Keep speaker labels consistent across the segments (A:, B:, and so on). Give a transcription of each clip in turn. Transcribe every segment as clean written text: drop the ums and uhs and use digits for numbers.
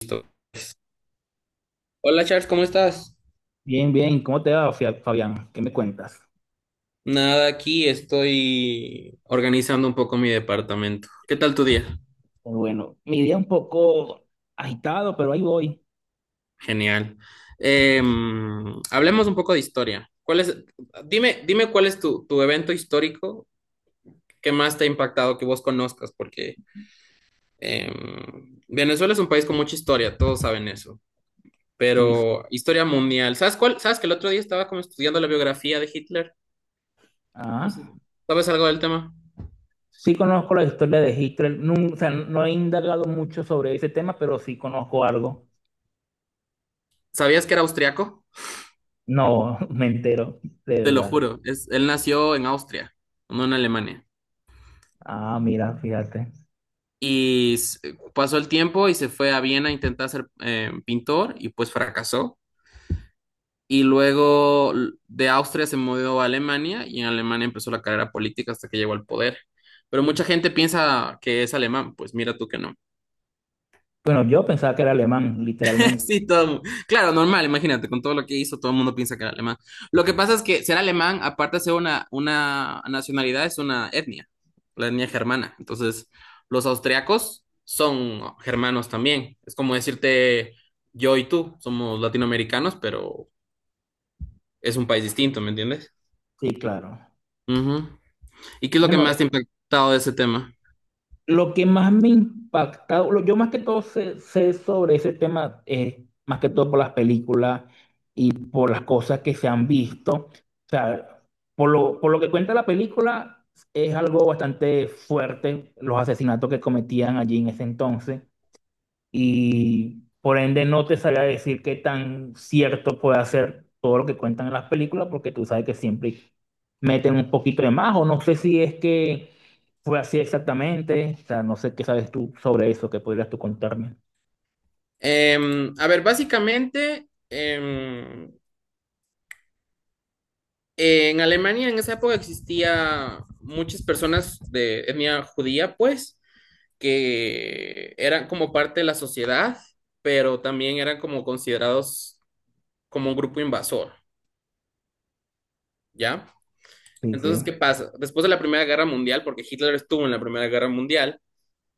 A: Listo. Hola Charles, ¿cómo estás?
B: Bien, bien. ¿Cómo te va, Fabián? ¿Qué me cuentas?
A: Nada, aquí estoy organizando un poco mi departamento. ¿Qué tal tu día?
B: Pues bueno, mi día un poco agitado, pero ahí voy.
A: Genial. Hablemos un poco de historia. Dime cuál es tu evento histórico que más te ha impactado, que vos conozcas, porque Venezuela es un país con mucha historia, todos saben eso,
B: Sí.
A: pero historia mundial. ¿Sabes cuál? ¿Sabes que el otro día estaba como estudiando la biografía de Hitler? No sé,
B: Ah.
A: ¿sabes algo del tema?
B: Sí conozco la historia de Hitler. No, o sea, no he indagado mucho sobre ese tema, pero sí conozco algo.
A: ¿Sabías que era austriaco?
B: No, me entero, de
A: Te lo
B: verdad.
A: juro, es, él nació en Austria, no en Alemania.
B: Ah, mira, fíjate.
A: Y s- Pasó el tiempo y se fue a Viena a intentar ser pintor y pues fracasó. Y luego de Austria se mudó a Alemania y en Alemania empezó la carrera política hasta que llegó al poder. Pero mucha gente piensa que es alemán, pues mira tú que no.
B: Bueno, yo pensaba que era alemán, literalmente.
A: Sí, todo. Claro, normal, imagínate, con todo lo que hizo, todo el mundo piensa que era alemán. Lo que pasa es que ser alemán, aparte de ser una nacionalidad, es una etnia, la etnia germana. Entonces, los austriacos son germanos también. Es como decirte, yo y tú somos latinoamericanos, pero es un país distinto, ¿me entiendes?
B: Sí, claro.
A: Ujú. ¿Y qué es lo que
B: Bueno,
A: más te ha impactado de ese tema?
B: lo que más me impacta, yo más que todo sé sobre ese tema, más que todo por las películas y por las cosas que se han visto. O sea, por lo que cuenta la película, es algo bastante fuerte los asesinatos que cometían allí en ese entonces, y por ende no te sabría decir qué tan cierto puede ser todo lo que cuentan en las películas, porque tú sabes que siempre meten un poquito de más, o no sé si es que fue así exactamente. O sea, no sé qué sabes tú sobre eso, que podrías tú contarme.
A: A ver, básicamente, en Alemania en esa época existía muchas personas de etnia judía, pues, que eran como parte de la sociedad, pero también eran como considerados como un grupo invasor, ¿ya?
B: Sí, sí,
A: Entonces, ¿qué pasa? Después de la Primera Guerra Mundial, porque Hitler estuvo en la Primera Guerra Mundial.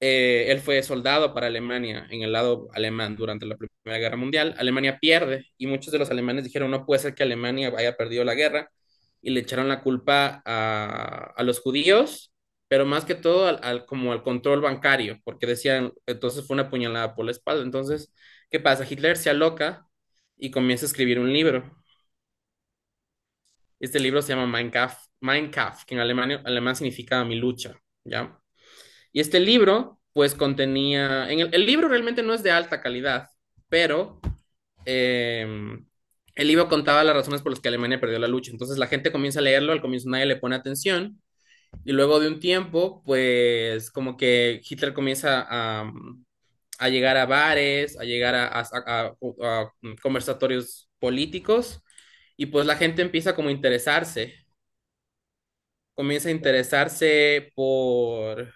A: Él fue soldado para Alemania en el lado alemán durante la Primera Guerra Mundial. Alemania pierde y muchos de los alemanes dijeron, no puede ser que Alemania haya perdido la guerra y le echaron la culpa a los judíos, pero más que todo como al control bancario, porque decían, entonces fue una puñalada por la espalda. Entonces, ¿qué pasa? Hitler se aloca y comienza a escribir un libro. Este libro se llama Mein Kampf, Mein Kampf, que en alemán significa mi lucha, ¿ya? Y este libro, pues contenía, en el libro realmente no es de alta calidad, pero eh, el libro contaba las razones por las que Alemania perdió la lucha. Entonces la gente comienza a leerlo, al comienzo nadie le pone atención, y luego de un tiempo, pues como que Hitler comienza a a llegar a bares, a llegar a conversatorios políticos, y pues la gente empieza como a interesarse, comienza a interesarse por,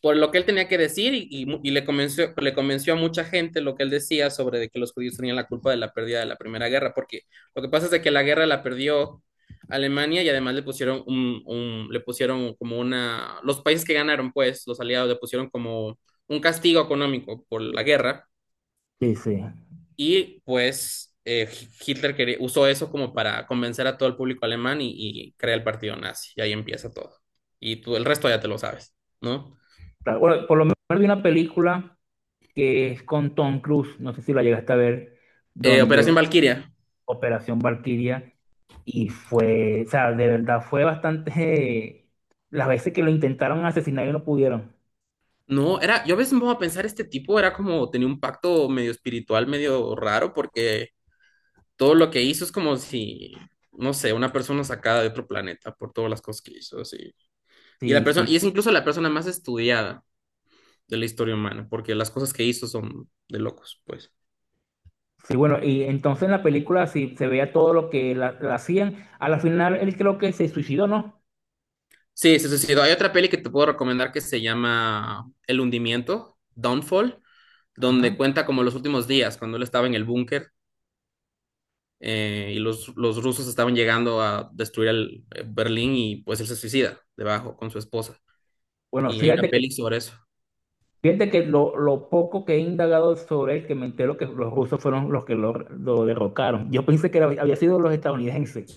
A: por lo que él tenía que decir y le convenció a mucha gente lo que él decía sobre de que los judíos tenían la culpa de la pérdida de la Primera Guerra, porque lo que pasa es de que la guerra la perdió Alemania y además le pusieron le pusieron como una, los países que ganaron, pues, los aliados le pusieron como un castigo económico por la guerra
B: sí, sí.
A: y pues Hitler usó eso como para convencer a todo el público alemán y crea el partido nazi y ahí empieza todo. Y tú el resto ya te lo sabes, ¿no?
B: Claro, bueno, por lo menos vi una película que es con Tom Cruise, no sé si la llegaste a ver,
A: Operación
B: donde
A: Valquiria.
B: Operación Valquiria, y fue, o sea, de verdad fue bastante, las veces que lo intentaron asesinar y no pudieron.
A: No, era, yo a veces me pongo a pensar, este tipo era como, tenía un pacto medio espiritual, medio raro, porque todo lo que hizo es como si, no sé, una persona sacada de otro planeta por todas las cosas que hizo, así. Y la
B: Sí,
A: persona,
B: sí.
A: y es incluso la persona más estudiada de la historia humana, porque las cosas que hizo son de locos, pues.
B: Sí, bueno, y entonces en la película sí se veía todo lo que la hacían. A la final él creo que se suicidó, ¿no?
A: Sí, se suicidó. Hay otra peli que te puedo recomendar que se llama El hundimiento, Downfall,
B: Ajá.
A: donde cuenta como los últimos días, cuando él estaba en el búnker y los rusos estaban llegando a destruir Berlín y pues él se suicida debajo con su esposa.
B: Bueno,
A: Y hay una peli sobre eso.
B: fíjate que lo poco que he indagado sobre él, que me entero que los rusos fueron los que lo derrocaron. Yo pensé que había sido los estadounidenses.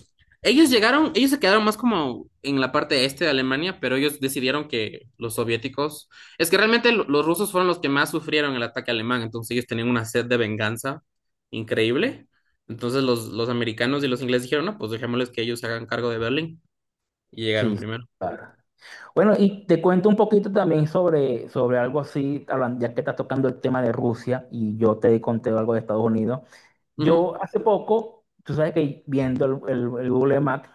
A: Ellos llegaron, ellos se quedaron más como en la parte este de Alemania, pero ellos decidieron que los soviéticos, es que realmente los rusos fueron los que más sufrieron el ataque alemán, entonces ellos tenían una sed de venganza increíble. Entonces los americanos y los ingleses dijeron, no, pues dejémosles que ellos se hagan cargo de Berlín y
B: Sí,
A: llegaron primero.
B: claro. Bueno, y te cuento un poquito también sobre, sobre algo así, ya que estás tocando el tema de Rusia y yo te conté algo de Estados Unidos.
A: Ujú.
B: Yo hace poco, tú sabes que viendo el Google Maps,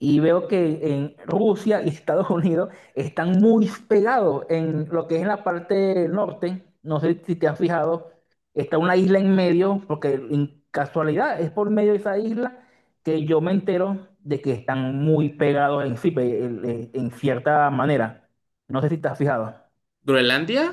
B: y veo que en Rusia y Estados Unidos están muy pegados en lo que es la parte norte. No sé si te has fijado, está una isla en medio, porque en casualidad es por medio de esa isla que yo me entero de que están muy pegados en sí, en cierta manera. No sé si te has fijado.
A: Groenlandia.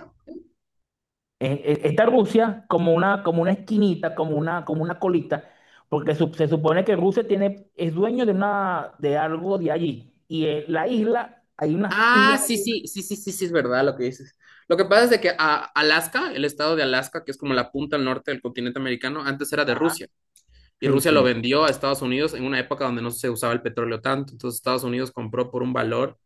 B: Está Rusia como una esquinita, como una colita, porque se supone que Rusia tiene, es dueño de, una, de algo de allí. Y la isla, hay unas
A: Ah,
B: islas.
A: sí, sí, sí, sí, sí, sí, es verdad lo que dices. Lo que pasa es de que Alaska, el estado de Alaska, que es como la punta al norte del continente americano, antes era de Rusia y
B: Sí,
A: Rusia lo
B: sí.
A: vendió a Estados Unidos en una época donde no se usaba el petróleo tanto. Entonces Estados Unidos compró por un valor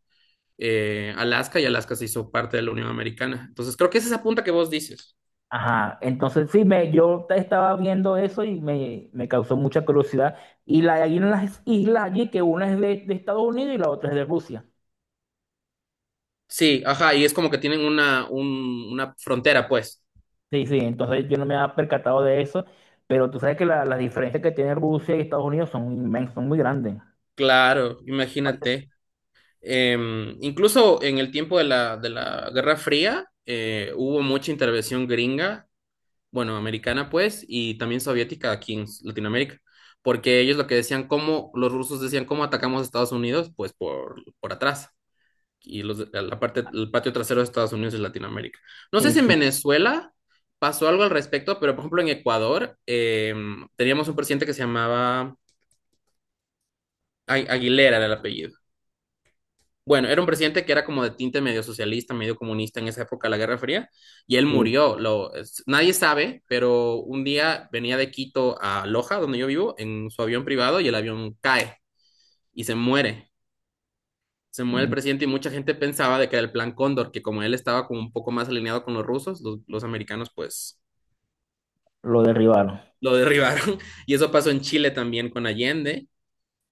A: Alaska, y Alaska se hizo parte de la Unión Americana. Entonces creo que es esa punta que vos dices.
B: Ajá. Entonces sí, yo estaba viendo eso y me causó mucha curiosidad. Y la, hay unas islas allí que una es de Estados Unidos y la otra es de Rusia.
A: Sí, ajá, y es como que tienen una, una frontera, pues.
B: Sí, sí. Entonces yo no me había percatado de eso, pero tú sabes que las diferencias que tiene Rusia y Estados Unidos son inmensas, son muy grandes.
A: Claro,
B: Países.
A: imagínate. Eh, incluso en el tiempo de de la Guerra Fría hubo mucha intervención gringa, bueno, americana pues, y también soviética aquí en Latinoamérica, porque ellos lo que decían, cómo, los rusos decían, ¿cómo atacamos a Estados Unidos? Pues por atrás, y la parte, el patio trasero de Estados Unidos y Latinoamérica. No sé
B: Sí,
A: si en
B: sí.
A: Venezuela pasó algo al respecto, pero por ejemplo en Ecuador teníamos un presidente que se llamaba Aguilera, era el apellido. Bueno, era un presidente que era como de tinte medio socialista, medio comunista en esa época de la Guerra Fría, y él
B: Sí,
A: murió. Nadie sabe, pero un día venía de Quito a Loja, donde yo vivo, en su avión privado y el avión cae y se muere. Se muere el
B: mm,
A: presidente y mucha gente pensaba de que era el plan Cóndor, que como él estaba como un poco más alineado con los rusos, los americanos pues
B: lo derribaron.
A: lo derribaron. Y eso pasó en Chile también con Allende.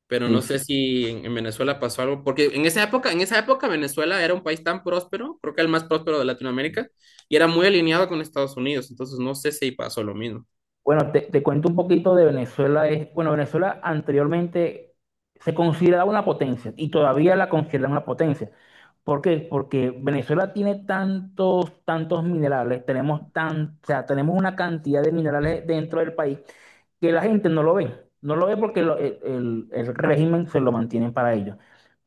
A: Pero
B: Sí,
A: no
B: sí.
A: sé si en Venezuela pasó algo, porque en esa época Venezuela era un país tan próspero, creo que el más próspero de Latinoamérica, y era muy alineado con Estados Unidos, entonces no sé si pasó lo mismo.
B: Bueno, te cuento un poquito de Venezuela. Es, bueno, Venezuela anteriormente se consideraba una potencia y todavía la consideran una potencia. ¿Por qué? Porque Venezuela tiene tantos, tantos minerales, tenemos tan, o sea, tenemos una cantidad de minerales dentro del país que la gente no lo ve. No lo ve porque el régimen se lo mantiene para ellos.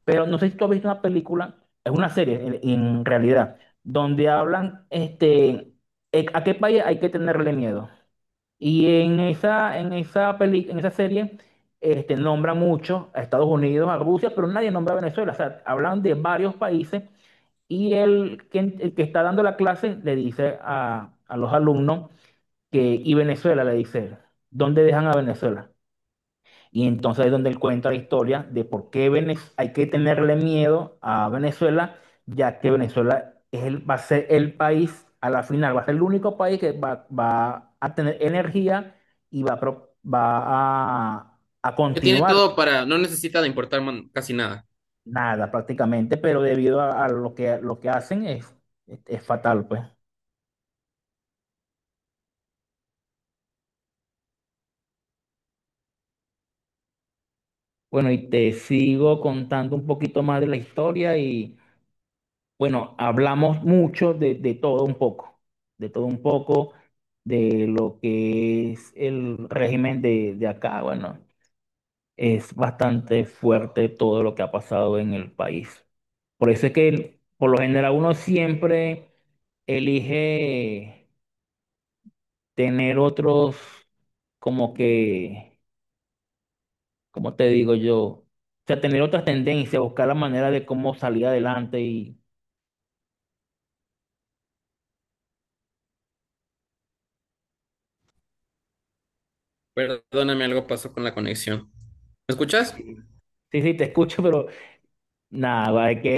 B: Pero no sé si tú has visto una película, es una serie en realidad, donde hablan este, a qué país hay que tenerle miedo. Y en esa peli, en esa serie este, nombran mucho a Estados Unidos, a Rusia, pero nadie nombra a Venezuela. O sea, hablan de varios países y el que está dando la clase le dice a los alumnos que, y Venezuela le dice, ¿dónde dejan a Venezuela? Y entonces es donde él cuenta la historia de por qué hay que tenerle miedo a Venezuela, ya que Venezuela es va a ser el país, a la final, va a ser el único país que va a tener energía y va a
A: Que tiene
B: continuar
A: todo para, no necesita de importar casi nada.
B: nada prácticamente, pero debido a lo que hacen es fatal, pues. Bueno, y te sigo contando un poquito más de la historia y bueno, hablamos mucho de todo un poco, de todo un poco, de lo que es el régimen de acá. Bueno, es bastante fuerte todo lo que ha pasado en el país. Por eso es que por lo general uno siempre elige tener otros, como que, ¿como te digo yo? O sea, tener otras tendencias, buscar la manera de cómo salir adelante y...
A: Perdóname, algo pasó con la conexión. ¿Me escuchas?
B: Sí, sí, sí, te escucho, pero nada, va, es que